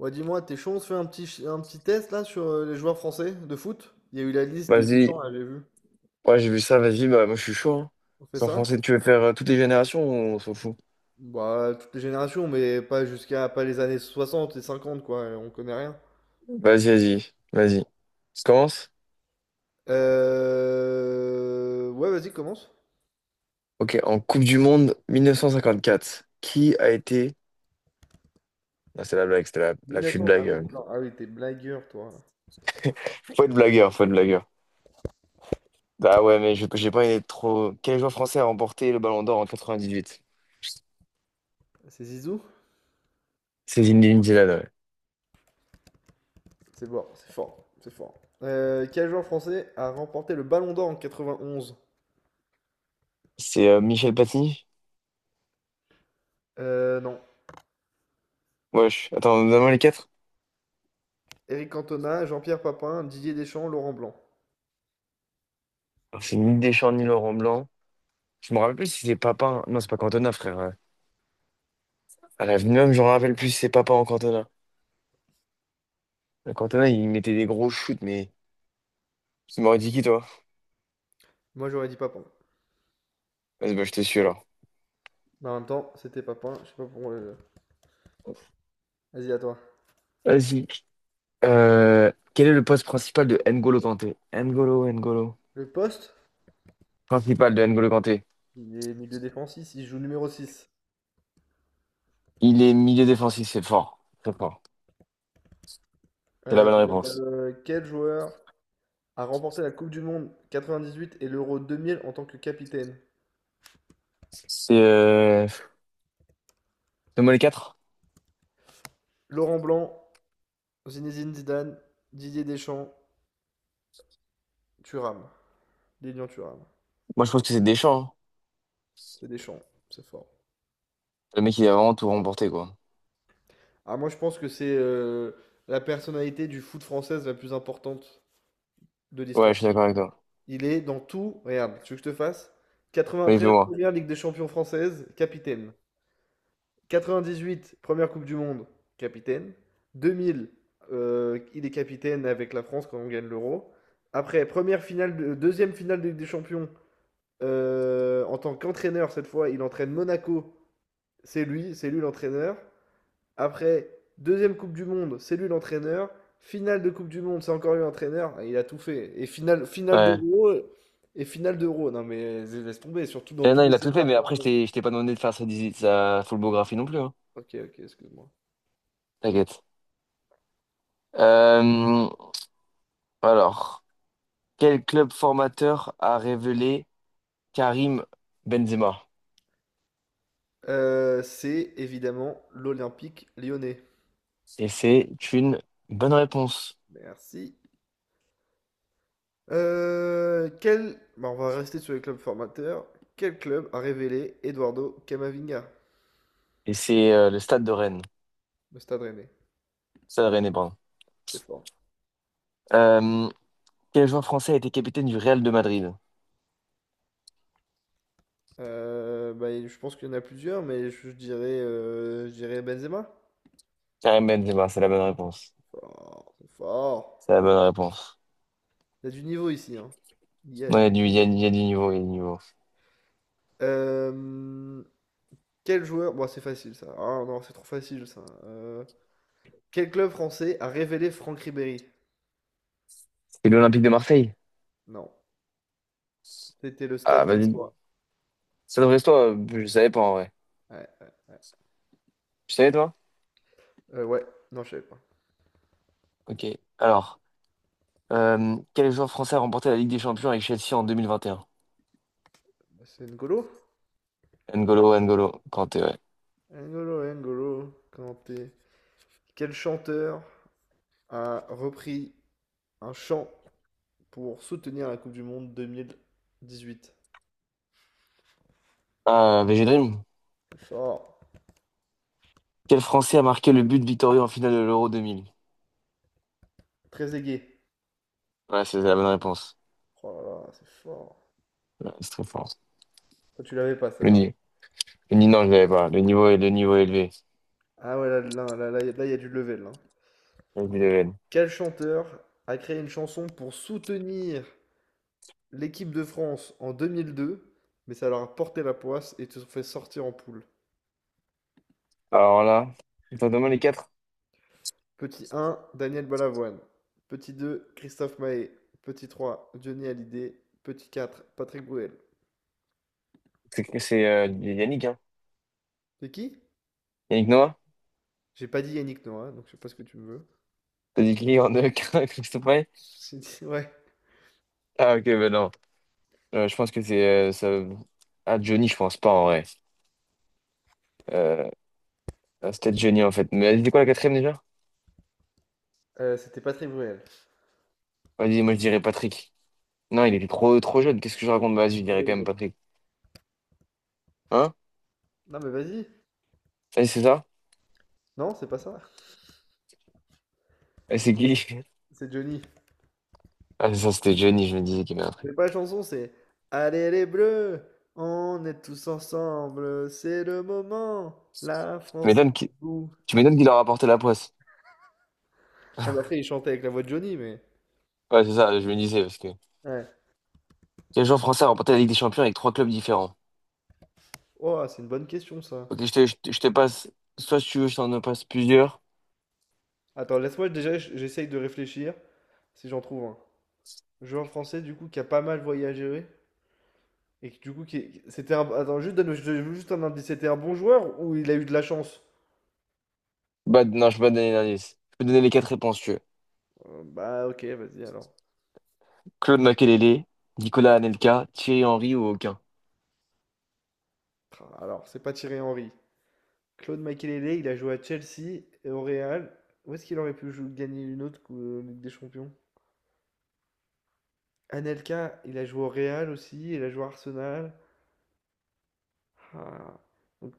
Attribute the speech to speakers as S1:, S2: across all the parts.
S1: Ouais, dis-moi, Deschamps, on se fait un petit test là sur les joueurs français de foot? Il y a eu la liste de
S2: Vas-y,
S1: Deschamps, là, j'ai vu.
S2: ouais, j'ai vu ça, vas-y, bah, moi je suis chaud. Hein.
S1: On fait
S2: C'est en
S1: ça?
S2: français, tu veux faire toutes les générations ou on s'en fout?
S1: Bah, toutes les générations, mais pas jusqu'à pas les années soixante et cinquante quoi, on connaît rien.
S2: Vas-y. Je commence?
S1: Ouais, vas-y, commence.
S2: Ok, en Coupe du Monde 1954, qui a été. Ah, c'est la blague, c'était la petite
S1: 1900, ah,
S2: blague.
S1: oui, d'accord. Ah oui, t'es blagueur, toi.
S2: Faut être blagueur, faut être blagueur. Ah ouais, mais j'ai pas été trop. Quel joueur français a remporté le Ballon d'Or en 98?
S1: C'est Zizou?
S2: C'est Zinedine Zidane, ouais.
S1: C'est bon, c'est fort, c'est fort. Quel joueur français a remporté le Ballon d'Or en 91?
S2: C'est Michel Platini?
S1: Non.
S2: Wesh, attends, donne-moi les quatre.
S1: Eric Cantona, Jean-Pierre Papin, Didier Deschamps, Laurent Blanc.
S2: Alors, c'est ni Deschamps, ni Laurent Blanc. Je me rappelle plus si c'est Papin. Non, c'est pas Cantona, frère. À la l'avenir, je me rappelle plus, si c'est papa en Cantona. Le Cantona, il mettait des gros shoots, mais tu m'aurais dit qui, toi?
S1: Moi, j'aurais dit Papin.
S2: Vas-y, bah, je te suis alors.
S1: Mais en même temps, c'était pas point. Je sais pas pourquoi. Vas-y, à toi.
S2: Vas-y. Quel est le poste principal de N'Golo Kanté? N'Golo.
S1: Le poste,
S2: Principal de N'Golo Kanté.
S1: il est milieu défensif, il joue numéro 6.
S2: Il est milieu défensif, c'est fort. Très fort. C'est la
S1: Euh,
S2: bonne réponse.
S1: Quel joueur a remporté la Coupe du Monde 98 et l'Euro 2000 en tant que capitaine?
S2: C'est. Donne-moi les quatre.
S1: Laurent Blanc, Zinedine Zidane, Didier Deschamps, Thuram. Lilian Thuram.
S2: Moi, je pense que c'est Deschamps. Hein.
S1: C'est Deschamps, c'est fort.
S2: Le mec, il a vraiment tout remporté, quoi.
S1: Ah, moi, je pense que c'est la personnalité du foot française la plus importante de
S2: Ouais,
S1: l'histoire.
S2: je suis d'accord avec toi.
S1: Il est dans tout. Regarde, tu veux que je te fasse?
S2: Oui,
S1: 93,
S2: fais-moi.
S1: première Ligue des champions française, capitaine. 98, première Coupe du Monde, capitaine. 2000, il est capitaine avec la France quand on gagne l'Euro. Après, deuxième finale de Ligue des Champions, en tant qu'entraîneur cette fois, il entraîne Monaco. C'est lui l'entraîneur. Après, deuxième Coupe du Monde, c'est lui l'entraîneur. Finale de Coupe du Monde, c'est encore lui l'entraîneur. Il a tout fait. Et finale
S2: Ouais.
S1: d'Euro. Et finale d'Euro. Non mais laisse tomber, surtout dans
S2: Eh non,
S1: toutes
S2: il a
S1: les
S2: tout fait,
S1: étapes.
S2: mais après, je t'ai pas demandé de faire sa, sa full biographie non plus. Hein.
S1: Ok, ok, excuse-moi.
S2: T'inquiète. Euh, Alors, quel club formateur a révélé Karim Benzema?
S1: C'est évidemment l'Olympique lyonnais.
S2: Et c'est une bonne réponse.
S1: Merci. Bah, on va rester sur les clubs formateurs. Quel club a révélé Eduardo Camavinga,
S2: Et c'est le Stade de Rennes.
S1: le Stade Rennais?
S2: Stade Rennais, pardon.
S1: C'est fort.
S2: Euh, Quel joueur français a été capitaine du Real de Madrid?
S1: Bah, je pense qu'il y en a plusieurs, mais je dirais Benzema.
S2: Karim Benzema, c'est la bonne réponse.
S1: Fort, c'est fort.
S2: C'est la bonne réponse.
S1: Il y a du niveau ici, hein. Il y a
S2: Non,
S1: du-
S2: il y a du niveau, il y a du niveau.
S1: Euh, Bon, c'est facile, ça. Ah non, c'est trop facile, ça. Quel club français a révélé Franck Ribéry?
S2: C'était l'Olympique de Marseille?
S1: Non. C'était le
S2: Ah,
S1: stade
S2: vas-y.
S1: brestois.
S2: Ça devrait être toi, je savais pas en vrai.
S1: Ouais.
S2: Tu savais toi?
S1: Euh, ouais. Non, je savais pas.
S2: Ok. Alors, quel joueur français a remporté la Ligue des Champions avec Chelsea en 2021?
S1: Bah, c'est N'Golo?
S2: N'Golo Kanté, ouais.
S1: N'Golo Kanté. Quel chanteur a repris un chant pour soutenir la Coupe du Monde 2018?
S2: Ah, VG Dream.
S1: C'est fort.
S2: Quel Français a marqué le but victorieux en finale de l'Euro 2000?
S1: Très aigué.
S2: Ouais, c'est la bonne réponse.
S1: Oh là là, c'est fort.
S2: Ouais, c'est très fort.
S1: Ça, tu l'avais pas,
S2: Le
S1: celle-là.
S2: ni... le ni- Non, je l'avais pas. Le niveau est élevé.
S1: Ah ouais, là, il y a du level, là.
S2: Vas-y, Lionel.
S1: Quel chanteur a créé une chanson pour soutenir l'équipe de France en 2002, mais ça leur a porté la poisse et te fait sortir en poule?
S2: Alors là, je t'en demande les quatre.
S1: Petit un, Daniel Balavoine. Petit 2, Christophe Mahé. Petit 3, Johnny Hallyday. Petit 4, Patrick Bruel.
S2: C'est Yannick, hein?
S1: C'est qui?
S2: Yannick Noah?
S1: J'ai pas dit Yannick Noah, donc je sais pas ce que tu me veux.
S2: T'as dit qui en deux, Christophe Payet?
S1: Ouais.
S2: Ah, ok, ben non. Je pense que c'est... Ah, Johnny, je pense pas, en vrai. Euh, ah, c'était Johnny, en fait. Mais c'était quoi la quatrième, déjà?
S1: C'était Patrick Bruel.
S2: Vas-y, moi, je dirais Patrick. Non, il était trop jeune. Qu'est-ce que je raconte? Bah, vas-y, je dirais quand même Patrick. Hein?
S1: Non mais vas-y.
S2: Vas-y, c'est ça?
S1: Non, c'est pas ça.
S2: Et c'est qui?
S1: C'est Johnny.
S2: Ah, c'est ça, c'était Johnny, je me disais qu'il y avait un truc.
S1: C'est pas la chanson, c'est Allez les Bleus, on est tous ensemble, c'est le moment, la
S2: Tu
S1: France est
S2: m'étonnes qu'il
S1: debout.
S2: Tu m'étonnes qu'il leur a apporté la poisse.
S1: Ah, mais après, il chantait avec la voix de Johnny, mais...
S2: Ouais, c'est ça, je me disais, parce que
S1: Ouais.
S2: les joueurs français ont remporté la Ligue des Champions avec trois clubs différents.
S1: Oh, c'est une bonne question, ça.
S2: Ok, je te passe, soit si tu veux, je t'en passe plusieurs.
S1: Attends, laisse-moi déjà, j'essaye de réfléchir si j'en trouve un. Joueur français, du coup, qui a pas mal voyagé oui. Et qui, du coup, c'était un. Attends, juste donne juste un indice. C'était un bon joueur ou il a eu de la chance?
S2: Bah, non, je peux pas te donner l'indice. Je peux te donner les quatre réponses, si tu veux.
S1: Bah, ok, vas-y alors.
S2: Claude Makelele, Nicolas Anelka, Thierry Henry ou aucun.
S1: Alors, c'est pas Thierry Henry. Claude Makelele, il a joué à Chelsea et au Real. Où est-ce qu'il aurait pu gagner une autre Ligue des Champions? Anelka, il a joué au Real aussi, il a joué à Arsenal. Ah. Donc,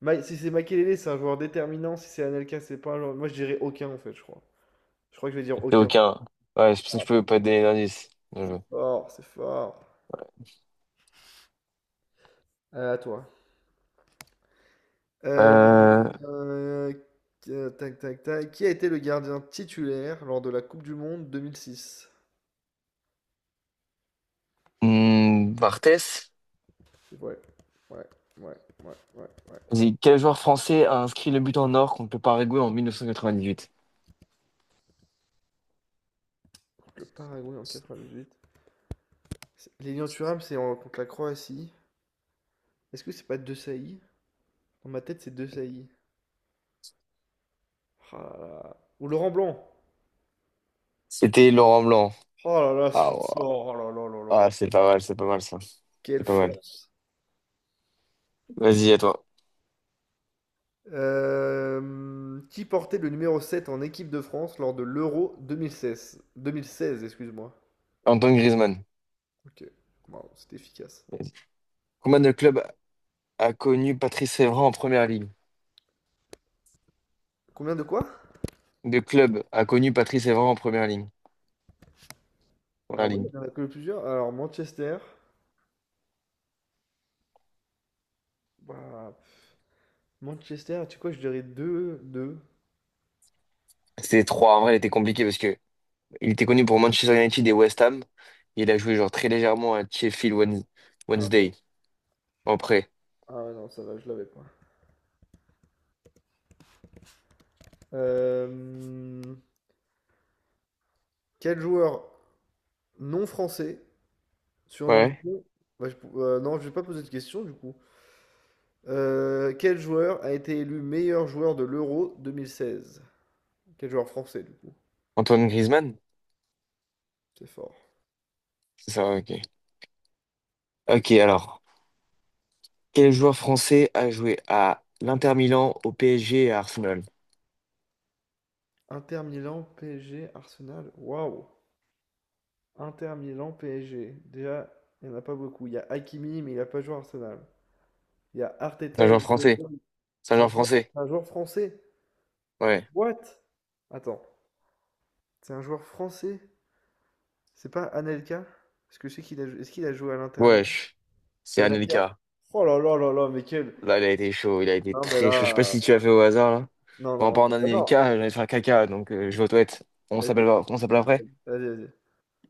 S1: Si c'est Makelele, c'est un joueur déterminant. Si c'est Anelka, c'est pas un joueur. Moi, je dirais aucun en fait, je crois. Je crois que je vais dire
S2: C'est
S1: aucun.
S2: aucun. Ouais, c'est pour ça
S1: Ah,
S2: que je peux pas te donner l'indice. Bien
S1: c'est
S2: joué.
S1: fort, c'est fort. À toi. Euh,
S2: Euh,
S1: euh, tac, tac, tac. Qui a été le gardien titulaire lors de la Coupe du Monde 2006?
S2: hmm, Barthez.
S1: C'est vrai. Ouais, ouais, ouais, ouais, ouais, ouais.
S2: Vas-y, quel joueur français a inscrit le but en or contre le Paraguay en 1998?
S1: Contre le Paraguay en 98. Lilian Thuram, contre la Croatie. Est-ce que c'est pas De Sailly? Dans ma tête, c'est De Sailly. Ah là là. Ou Laurent Blanc.
S2: C'était Laurent Blanc.
S1: Oh là là, ce
S2: Ah,
S1: shoot
S2: ouais.
S1: sort. Oh là là là là là.
S2: Ah, c'est pas mal ça.
S1: Quelle
S2: C'est pas mal.
S1: force.
S2: Vas-y, à toi.
S1: Qui portait le numéro 7 en équipe de France lors de l'Euro 2016? 2016, excuse-moi.
S2: Antoine Griezmann.
S1: Ok, wow, c'était efficace.
S2: Vas-y. Combien de clubs a connu Patrice Evra en première ligne?
S1: Combien de quoi?
S2: De clubs a connu Patrice Evra en première ligne.
S1: Ah
S2: Première
S1: ouais,
S2: ligne.
S1: il y en a que plusieurs. Alors, Manchester. Bah, Manchester, tu sais quoi, je dirais 2, 2.
S2: C'était trois. En vrai, il était compliqué parce que il était connu pour Manchester United et West Ham. Il a joué genre très légèrement à
S1: Ah, ouais,
S2: Wednesday en prêt.
S1: ah ouais, non, ça va, je l'avais pas. Euh, Quel joueur non français surnommé...
S2: Ouais.
S1: Bah, non, je vais pas poser de question du coup. Quel joueur a été élu meilleur joueur de l'Euro 2016? Quel joueur français, du coup?
S2: Antoine Griezmann?
S1: C'est fort.
S2: C'est ça, ok. Ok, alors. Quel joueur français a joué à l'Inter Milan, au PSG et à Arsenal?
S1: Inter Milan, PSG, Arsenal. Waouh! Inter Milan, PSG. Déjà, il n'y en a pas beaucoup. Il y a Hakimi, mais il n'a pas joué à Arsenal. Il y a
S2: C'est un
S1: Arteta,
S2: joueur
S1: il
S2: français.
S1: c'est
S2: Saint-Jean
S1: un, joueur
S2: français.
S1: c'est un joueur français.
S2: Ouais.
S1: What? Attends, c'est un joueur français? C'est pas Anelka? Est-ce que c'est qu'il a, jou- Est-ce qu'il a joué à l'Inter Milan?
S2: Wesh. C'est
S1: C'est Anelka?
S2: Anelka.
S1: Oh là là là là, mais quel.
S2: Là, il a été chaud. Il a été
S1: Non, mais
S2: très chaud. Je sais pas
S1: là.
S2: si tu l'as fait au hasard, là.
S1: Non,
S2: Bon, en
S1: non,
S2: parlant
S1: non, bah non.
S2: d'Anelka, j'allais faire caca, donc je vais aux toilettes.
S1: Vas-y,
S2: On s'appelle
S1: vas-y,
S2: après.
S1: vas-y.